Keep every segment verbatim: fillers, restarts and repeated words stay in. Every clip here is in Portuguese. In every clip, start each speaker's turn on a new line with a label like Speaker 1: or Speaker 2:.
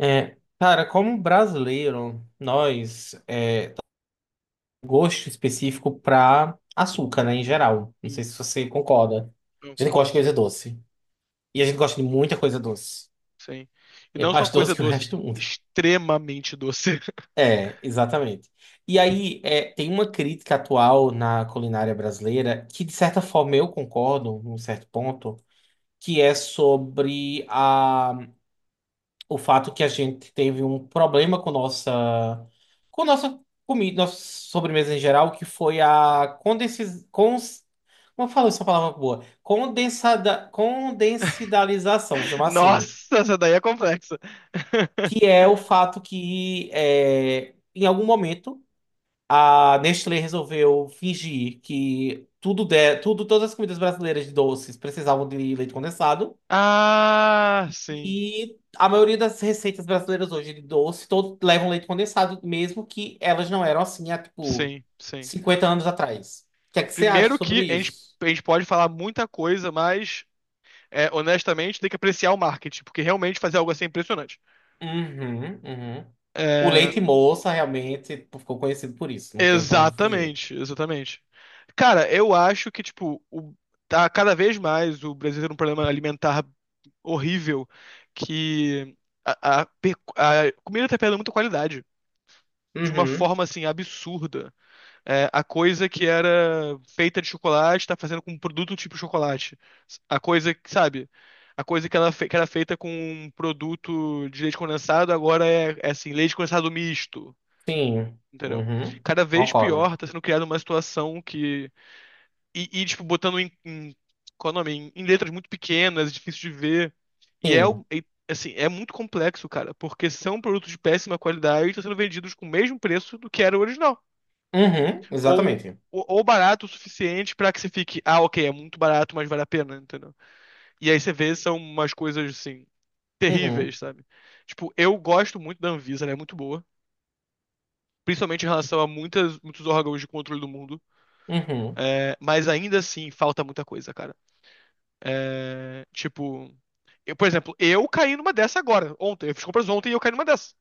Speaker 1: É, cara, como brasileiro, nós é gosto específico pra açúcar, né, em geral. Não
Speaker 2: Sim,
Speaker 1: sei se você concorda.
Speaker 2: eu
Speaker 1: A gente gosta
Speaker 2: concordo,
Speaker 1: de coisa doce. E a gente gosta de muita coisa doce.
Speaker 2: sim. E
Speaker 1: É
Speaker 2: não só
Speaker 1: mais
Speaker 2: coisa
Speaker 1: doce que o
Speaker 2: doce,
Speaker 1: resto do mundo.
Speaker 2: extremamente doce.
Speaker 1: É, exatamente. E aí, é, tem uma crítica atual na culinária brasileira que, de certa forma, eu concordo, num certo ponto, que é sobre a o fato que a gente teve um problema com nossa com nossa comida, nossa sobremesa em geral, que foi a condensi cons como eu falo essa palavra boa? Condensada Condensidalização, vou chamar assim,
Speaker 2: Nossa, essa daí é complexa.
Speaker 1: que é o fato que é, em algum momento a Nestlé resolveu fingir que tudo de, tudo todas as comidas brasileiras de doces precisavam de leite condensado.
Speaker 2: Ah, sim,
Speaker 1: E a maioria das receitas brasileiras hoje de doce, todos levam leite condensado, mesmo que elas não eram assim há, tipo,
Speaker 2: sim, sim.
Speaker 1: cinquenta anos atrás. O que é que você acha
Speaker 2: Primeiro
Speaker 1: sobre
Speaker 2: que a gente,
Speaker 1: isso?
Speaker 2: a gente pode falar muita coisa, mas é, honestamente tem que apreciar o marketing, porque realmente fazer algo assim é impressionante.
Speaker 1: Uhum, uhum. O
Speaker 2: É,
Speaker 1: leite moça realmente tipo, ficou conhecido por isso, não tem pra onde fugir.
Speaker 2: Exatamente, exatamente. Cara, eu acho que, tipo, o, tá cada vez mais o Brasil tem um problema alimentar horrível, que a, a pe- a comida tá perdendo muita qualidade, de uma
Speaker 1: Uhum,
Speaker 2: forma, assim, absurda. É, a coisa que era feita de chocolate tá fazendo com um produto tipo chocolate. A coisa que, sabe, a coisa que, ela, fe- que era feita com um produto de leite condensado agora é, é assim, leite condensado misto.
Speaker 1: sim.
Speaker 2: Entendeu?
Speaker 1: Uhum,
Speaker 2: Cada vez
Speaker 1: concordo.
Speaker 2: pior tá sendo criada uma situação que. E, e, tipo, botando em, em, qual é o nome? Em, em letras muito pequenas, difícil de ver. E é, o-
Speaker 1: Sim.
Speaker 2: e, assim, é muito complexo, cara, porque são produtos de péssima qualidade e estão sendo vendidos com o mesmo preço do que era o original.
Speaker 1: Uhum,
Speaker 2: Ou,
Speaker 1: exatamente.
Speaker 2: ou, ou barato o suficiente pra que você fique, ah, ok, é muito barato, mas vale a pena, entendeu? E aí você vê, são umas coisas, assim,
Speaker 1: Uhum,
Speaker 2: terríveis, sabe? Tipo, eu gosto muito da Anvisa, ela é muito boa. Principalmente em relação a muitas, muitos órgãos de controle do mundo.
Speaker 1: uhum.
Speaker 2: É, mas ainda assim, falta muita coisa, cara. É, tipo, eu, por exemplo, eu caí numa dessa agora, ontem. Eu fiz compras ontem e eu caí numa dessa.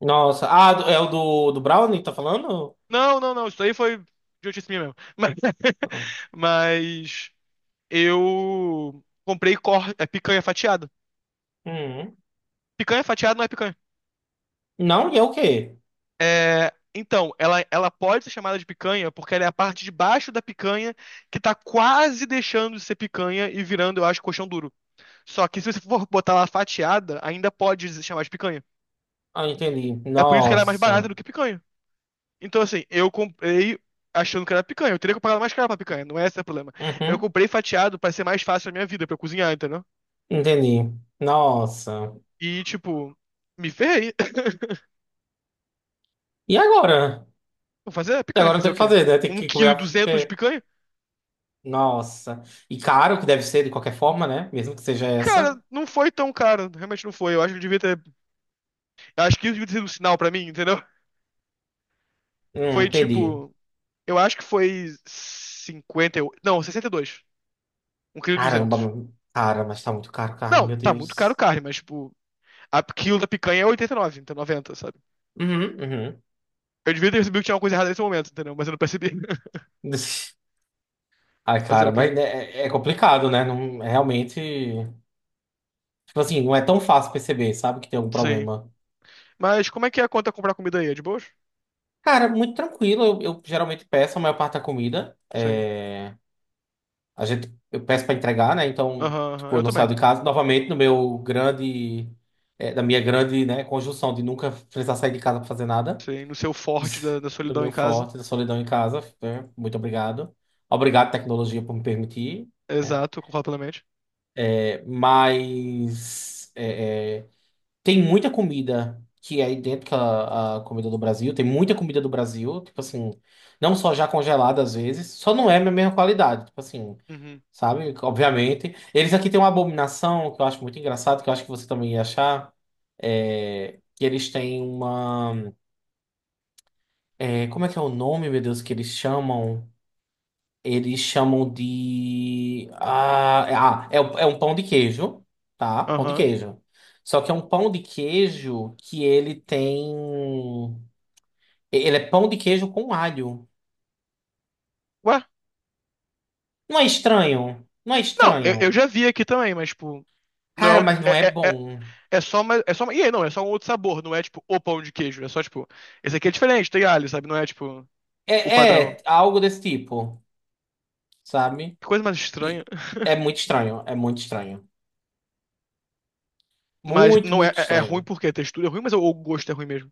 Speaker 1: Nossa, ah, do- é o do, do Brownie, tá falando?
Speaker 2: Não, não, não, isso aí foi idiotice minha mesmo. Mas,
Speaker 1: Não.
Speaker 2: mas eu comprei cor, é, picanha fatiada.
Speaker 1: Uhum.
Speaker 2: Picanha fatiada não é picanha.
Speaker 1: Não, e é o quê?
Speaker 2: É, então, ela, ela pode ser chamada de picanha porque ela é a parte de baixo da picanha que tá quase deixando de ser picanha e virando, eu acho, colchão duro. Só que se você for botar ela fatiada, ainda pode se chamar de picanha.
Speaker 1: Ah, entendi.
Speaker 2: É por isso que ela é mais barata
Speaker 1: Nossa.
Speaker 2: do que picanha. Então, assim, eu comprei achando que era picanha. Eu teria que pagar mais caro pra picanha, não é esse o problema. Eu
Speaker 1: Uhum.
Speaker 2: comprei fatiado pra ser mais fácil a minha vida, pra eu cozinhar, entendeu?
Speaker 1: Entendi. Nossa.
Speaker 2: E, tipo, me ferrei.
Speaker 1: E agora?
Speaker 2: Vou fazer
Speaker 1: E
Speaker 2: picanha,
Speaker 1: agora
Speaker 2: fazer
Speaker 1: tem
Speaker 2: o
Speaker 1: que
Speaker 2: quê?
Speaker 1: fazer, né? Tem
Speaker 2: Um
Speaker 1: que comer
Speaker 2: quilo e
Speaker 1: a.
Speaker 2: duzentos de
Speaker 1: porque-
Speaker 2: picanha?
Speaker 1: Nossa. E caro que deve ser de qualquer forma, né? Mesmo que seja essa.
Speaker 2: Cara, não foi tão caro, realmente não foi. Eu acho que eu devia ter. Eu acho que isso devia ter sido um sinal pra mim, entendeu?
Speaker 1: Hum,
Speaker 2: Foi
Speaker 1: entendi.
Speaker 2: tipo. Eu acho que foi cinquenta e oito. Não, sessenta e dois, um quilo e
Speaker 1: Caramba,
Speaker 2: duzentos.
Speaker 1: mano. Cara, mas tá muito caro carne,
Speaker 2: Não,
Speaker 1: meu
Speaker 2: tá muito caro
Speaker 1: Deus.
Speaker 2: carne, mas, tipo, a quilo da picanha é oitenta e nove, então noventa, sabe?
Speaker 1: Uhum, uhum.
Speaker 2: Eu devia ter percebido que tinha uma coisa errada nesse momento, entendeu? Mas eu não percebi.
Speaker 1: Ai,
Speaker 2: Fazer
Speaker 1: cara,
Speaker 2: o quê?
Speaker 1: mas né, é, é complicado, né? Não, é realmente. Tipo assim, não é tão fácil perceber, sabe, que tem algum
Speaker 2: Sim.
Speaker 1: problema.
Speaker 2: Mas como é que é a conta comprar comida aí? É de boas?
Speaker 1: Cara, muito tranquilo. Eu, eu geralmente peço a maior parte da comida.
Speaker 2: Sim.
Speaker 1: É. A gente, eu peço para entregar, né? Então,
Speaker 2: Aham, aham.
Speaker 1: tipo, eu
Speaker 2: Eu
Speaker 1: não saio
Speaker 2: também.
Speaker 1: de casa. Novamente, no meu grande, é, da minha grande, né, conjunção de nunca precisar sair de casa para fazer nada,
Speaker 2: Sim, no seu forte da, da
Speaker 1: do
Speaker 2: solidão em
Speaker 1: meu
Speaker 2: casa.
Speaker 1: forte, da solidão em casa, né? Muito obrigado. Obrigado, tecnologia, por me permitir, né?
Speaker 2: Exato, eu concordo plenamente.
Speaker 1: É, mas é, é, tem muita comida que é idêntica à, à comida do Brasil. Tem muita comida do Brasil, tipo assim, não só já congelada às vezes, só não é a mesma qualidade. Tipo assim,
Speaker 2: Uhum.
Speaker 1: sabe? Obviamente. Eles aqui têm uma abominação que eu acho muito engraçado, que eu acho que você também ia achar. É... Que eles têm uma. é, Como é que é o nome, meu Deus, que eles chamam? Eles chamam de. Ah, é, ah, é o- é um pão de queijo, tá? Pão de
Speaker 2: Aham.
Speaker 1: queijo. Só que é um pão de queijo que ele tem. Ele é pão de queijo com alho.
Speaker 2: Ué?
Speaker 1: Não é estranho? Não é
Speaker 2: Não, eu, eu
Speaker 1: estranho.
Speaker 2: já vi aqui também, mas, tipo. Não,
Speaker 1: Cara, mas não
Speaker 2: é,
Speaker 1: é
Speaker 2: é, é, é
Speaker 1: bom.
Speaker 2: é só uma, é só uma, e aí, não, é só um outro sabor, não é tipo o pão de queijo, é só tipo, esse aqui é diferente, tem alho, sabe? Não é tipo o
Speaker 1: É,
Speaker 2: padrão.
Speaker 1: é algo desse tipo, sabe?
Speaker 2: Que coisa mais
Speaker 1: E
Speaker 2: estranha.
Speaker 1: é muito estranho, é muito estranho.
Speaker 2: Mas
Speaker 1: Muito,
Speaker 2: não é,
Speaker 1: muito
Speaker 2: é, é ruim
Speaker 1: estranho.
Speaker 2: porque a textura é ruim, mas o, o gosto é ruim mesmo.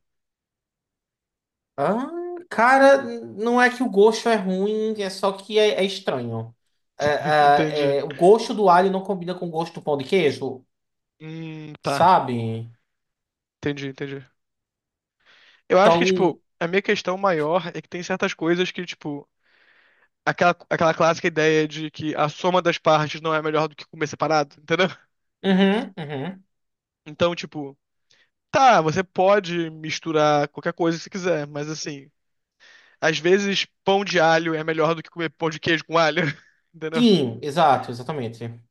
Speaker 1: Ah, cara, não é que o gosto é ruim, é só que é, é estranho. É,
Speaker 2: Entendi.
Speaker 1: é, É, o gosto do alho não combina com o gosto do pão de queijo,
Speaker 2: Hum, tá.
Speaker 1: sabe?
Speaker 2: Entendi, entendi. Eu acho que,
Speaker 1: Então,
Speaker 2: tipo, a minha questão maior é que tem certas coisas que, tipo, aquela, aquela clássica ideia de que a soma das partes não é melhor do que comer separado, entendeu?
Speaker 1: uhum, uhum.
Speaker 2: Então, tipo, tá, você pode misturar qualquer coisa que você quiser, mas assim, às vezes pão de alho é melhor do que comer pão de queijo com alho, entendeu?
Speaker 1: Sim, exato, exatamente.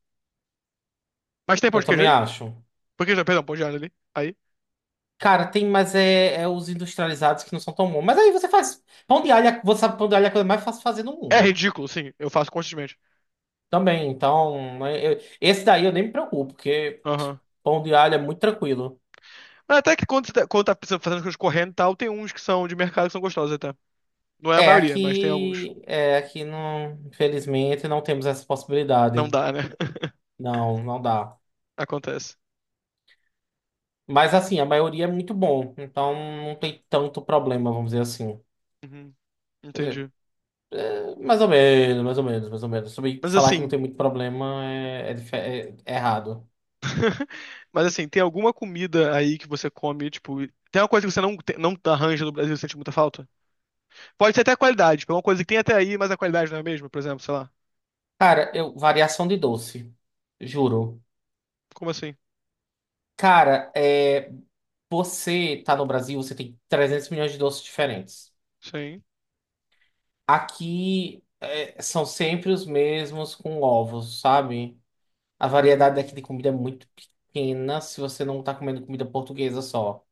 Speaker 2: Mas tem pão
Speaker 1: Eu
Speaker 2: de queijo
Speaker 1: também
Speaker 2: aí?
Speaker 1: acho.
Speaker 2: Pão de queijo, não, perdão, pão de alho ali. Aí.
Speaker 1: Cara, tem, mas é, é os industrializados que não são tão bons. Mas aí você faz pão de alho, você sabe que pão de alho é a coisa mais fácil de fazer no
Speaker 2: É
Speaker 1: mundo.
Speaker 2: ridículo, sim, eu faço constantemente.
Speaker 1: Também, então, né, eu- esse daí eu nem me preocupo, porque
Speaker 2: Aham.
Speaker 1: pão de alho é muito tranquilo.
Speaker 2: Mas até que quando, você tá- quando tá fazendo coisas correndo e tal, tem uns que são de mercado que são gostosos até. Não é a
Speaker 1: É,
Speaker 2: maioria, mas tem alguns.
Speaker 1: aqui, é, aqui não, infelizmente não temos essa
Speaker 2: Não
Speaker 1: possibilidade.
Speaker 2: dá, né?
Speaker 1: Não, não dá.
Speaker 2: Acontece.
Speaker 1: Mas assim, a maioria é muito bom, então não tem tanto problema, vamos dizer assim.
Speaker 2: Uhum,
Speaker 1: Quer dizer,
Speaker 2: entendi.
Speaker 1: é, mais ou menos, mais ou menos, mais ou menos. Sobre
Speaker 2: Mas
Speaker 1: falar que não
Speaker 2: assim,
Speaker 1: tem muito problema é, é dife- é- é errado.
Speaker 2: mas assim, tem alguma comida aí que você come, tipo, tem uma coisa que você não, te- não arranja no Brasil e sente muita falta? Pode ser até a qualidade, tipo, é uma coisa que tem até aí, mas a qualidade não é a mesma, por exemplo, sei lá.
Speaker 1: Cara, eu, variação de doce, juro.
Speaker 2: Como assim?
Speaker 1: Cara, é, você tá no Brasil, você tem trezentos milhões de doces diferentes.
Speaker 2: Sim.
Speaker 1: Aqui é, são sempre os mesmos com ovos, sabe? A variedade daqui
Speaker 2: Hum,
Speaker 1: de comida é muito pequena se você não tá comendo comida portuguesa só.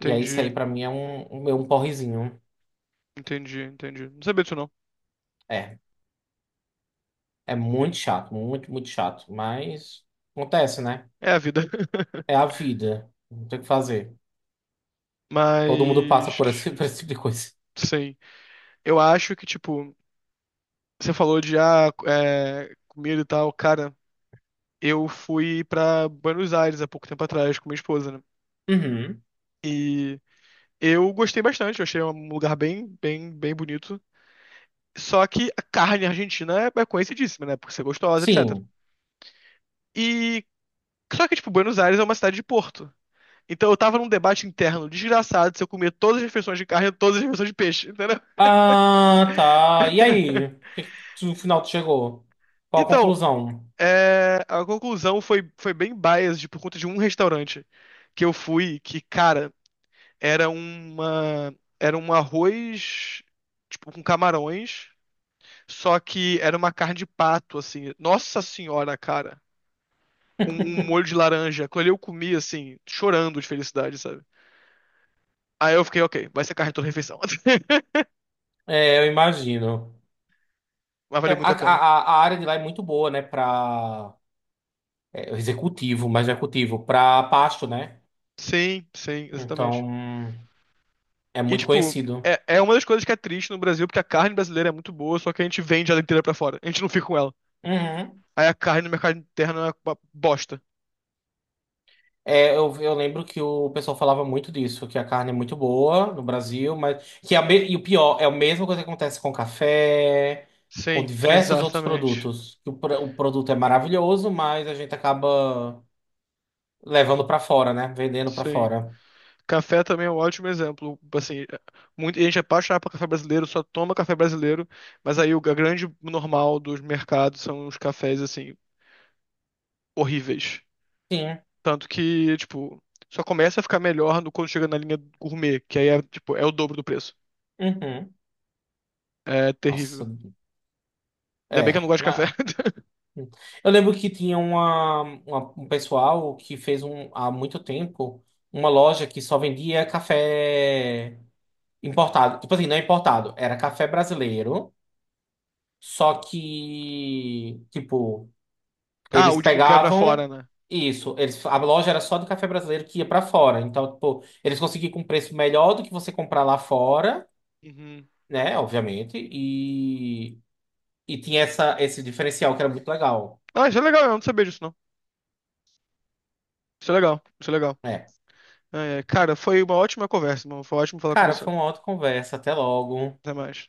Speaker 1: E aí isso aí pra mim é um, um, é um porrezinho.
Speaker 2: entendi, entendi. Não sabia disso, não.
Speaker 1: É, é muito chato, muito, muito chato. Mas acontece, né?
Speaker 2: É a vida.
Speaker 1: É a vida. Não tem o que fazer. Todo mundo passa
Speaker 2: Mas,
Speaker 1: por esse, por esse tipo de coisa.
Speaker 2: sim. Eu acho que, tipo, você falou de, ah, é, comida e tal, cara. Eu fui pra Buenos Aires há pouco tempo atrás com minha esposa, né?
Speaker 1: Uhum.
Speaker 2: E eu gostei bastante, eu achei um lugar bem, bem, bem bonito. Só que a carne argentina é é conhecidíssima, né? Por ser gostosa, etecetera.
Speaker 1: Sim.
Speaker 2: E só que, tipo, Buenos Aires é uma cidade de porto. Então eu tava num debate interno desgraçado se eu comia todas as refeições de carne ou todas as refeições de peixe, entendeu?
Speaker 1: Ah, tá. E aí? O que que tu- No final tu chegou? Qual a
Speaker 2: Então,
Speaker 1: conclusão?
Speaker 2: é, a conclusão foi, foi bem biased por conta de um restaurante que eu fui que, cara, era uma, era um arroz, tipo, com camarões, só que era uma carne de pato, assim. Nossa senhora, cara. Com um molho de laranja. Aquilo ali eu comi, assim, chorando de felicidade, sabe? Aí eu fiquei, ok, vai ser carne toda refeição.
Speaker 1: É, eu imagino.
Speaker 2: Mas
Speaker 1: É,
Speaker 2: valeu muito
Speaker 1: a,
Speaker 2: a pena.
Speaker 1: a, a área de lá é muito boa, né, para executivo, mas executivo, para pasto, né?
Speaker 2: Sim, sim, exatamente.
Speaker 1: Então, é
Speaker 2: E,
Speaker 1: muito
Speaker 2: tipo,
Speaker 1: conhecido.
Speaker 2: é, é uma das coisas que é triste no Brasil, porque a carne brasileira é muito boa, só que a gente vende ela inteira pra fora. A gente não fica com ela.
Speaker 1: Uhum.
Speaker 2: Aí a carne no mercado interno é uma bosta.
Speaker 1: É, eu, eu lembro que o pessoal falava muito disso, que a carne é muito boa no Brasil, mas que é a me- e o pior, é a mesma coisa que acontece com café, com
Speaker 2: Sim,
Speaker 1: diversos outros
Speaker 2: exatamente.
Speaker 1: produtos. Que O, pro- o produto é maravilhoso, mas a gente acaba levando para fora, né? Vendendo para
Speaker 2: Sim.
Speaker 1: fora.
Speaker 2: Café também é um ótimo exemplo. Assim, muita gente é apaixonada por café brasileiro, só toma café brasileiro, mas aí o a grande normal dos mercados são os cafés, assim, horríveis.
Speaker 1: Sim.
Speaker 2: Tanto que, tipo, só começa a ficar melhor no- quando chega na linha gourmet, que aí é, tipo, é o dobro do preço.
Speaker 1: Uhum.
Speaker 2: É
Speaker 1: Nossa,
Speaker 2: terrível. Ainda bem que eu não
Speaker 1: é.
Speaker 2: gosto de café.
Speaker 1: Eu lembro que tinha uma, uma- um pessoal que fez um, há muito tempo uma loja que só vendia café importado. Tipo assim, não é importado, era café brasileiro. Só que, tipo,
Speaker 2: Ah,
Speaker 1: eles
Speaker 2: o, de- o que vai pra fora,
Speaker 1: pegavam
Speaker 2: né?
Speaker 1: isso. Eles, a loja era só do café brasileiro que ia pra fora. Então, tipo, eles conseguiam com um preço melhor do que você comprar lá fora,
Speaker 2: Uhum.
Speaker 1: né? Obviamente. E, e tinha essa, esse diferencial que era muito legal.
Speaker 2: Ah, isso é legal, eu não sabia disso, não. Isso é legal, isso é legal.
Speaker 1: É.
Speaker 2: É, é. Cara, foi uma ótima conversa, irmão. Foi ótimo falar com
Speaker 1: Cara,
Speaker 2: você.
Speaker 1: foi uma outra conversa. Até logo.
Speaker 2: Até mais.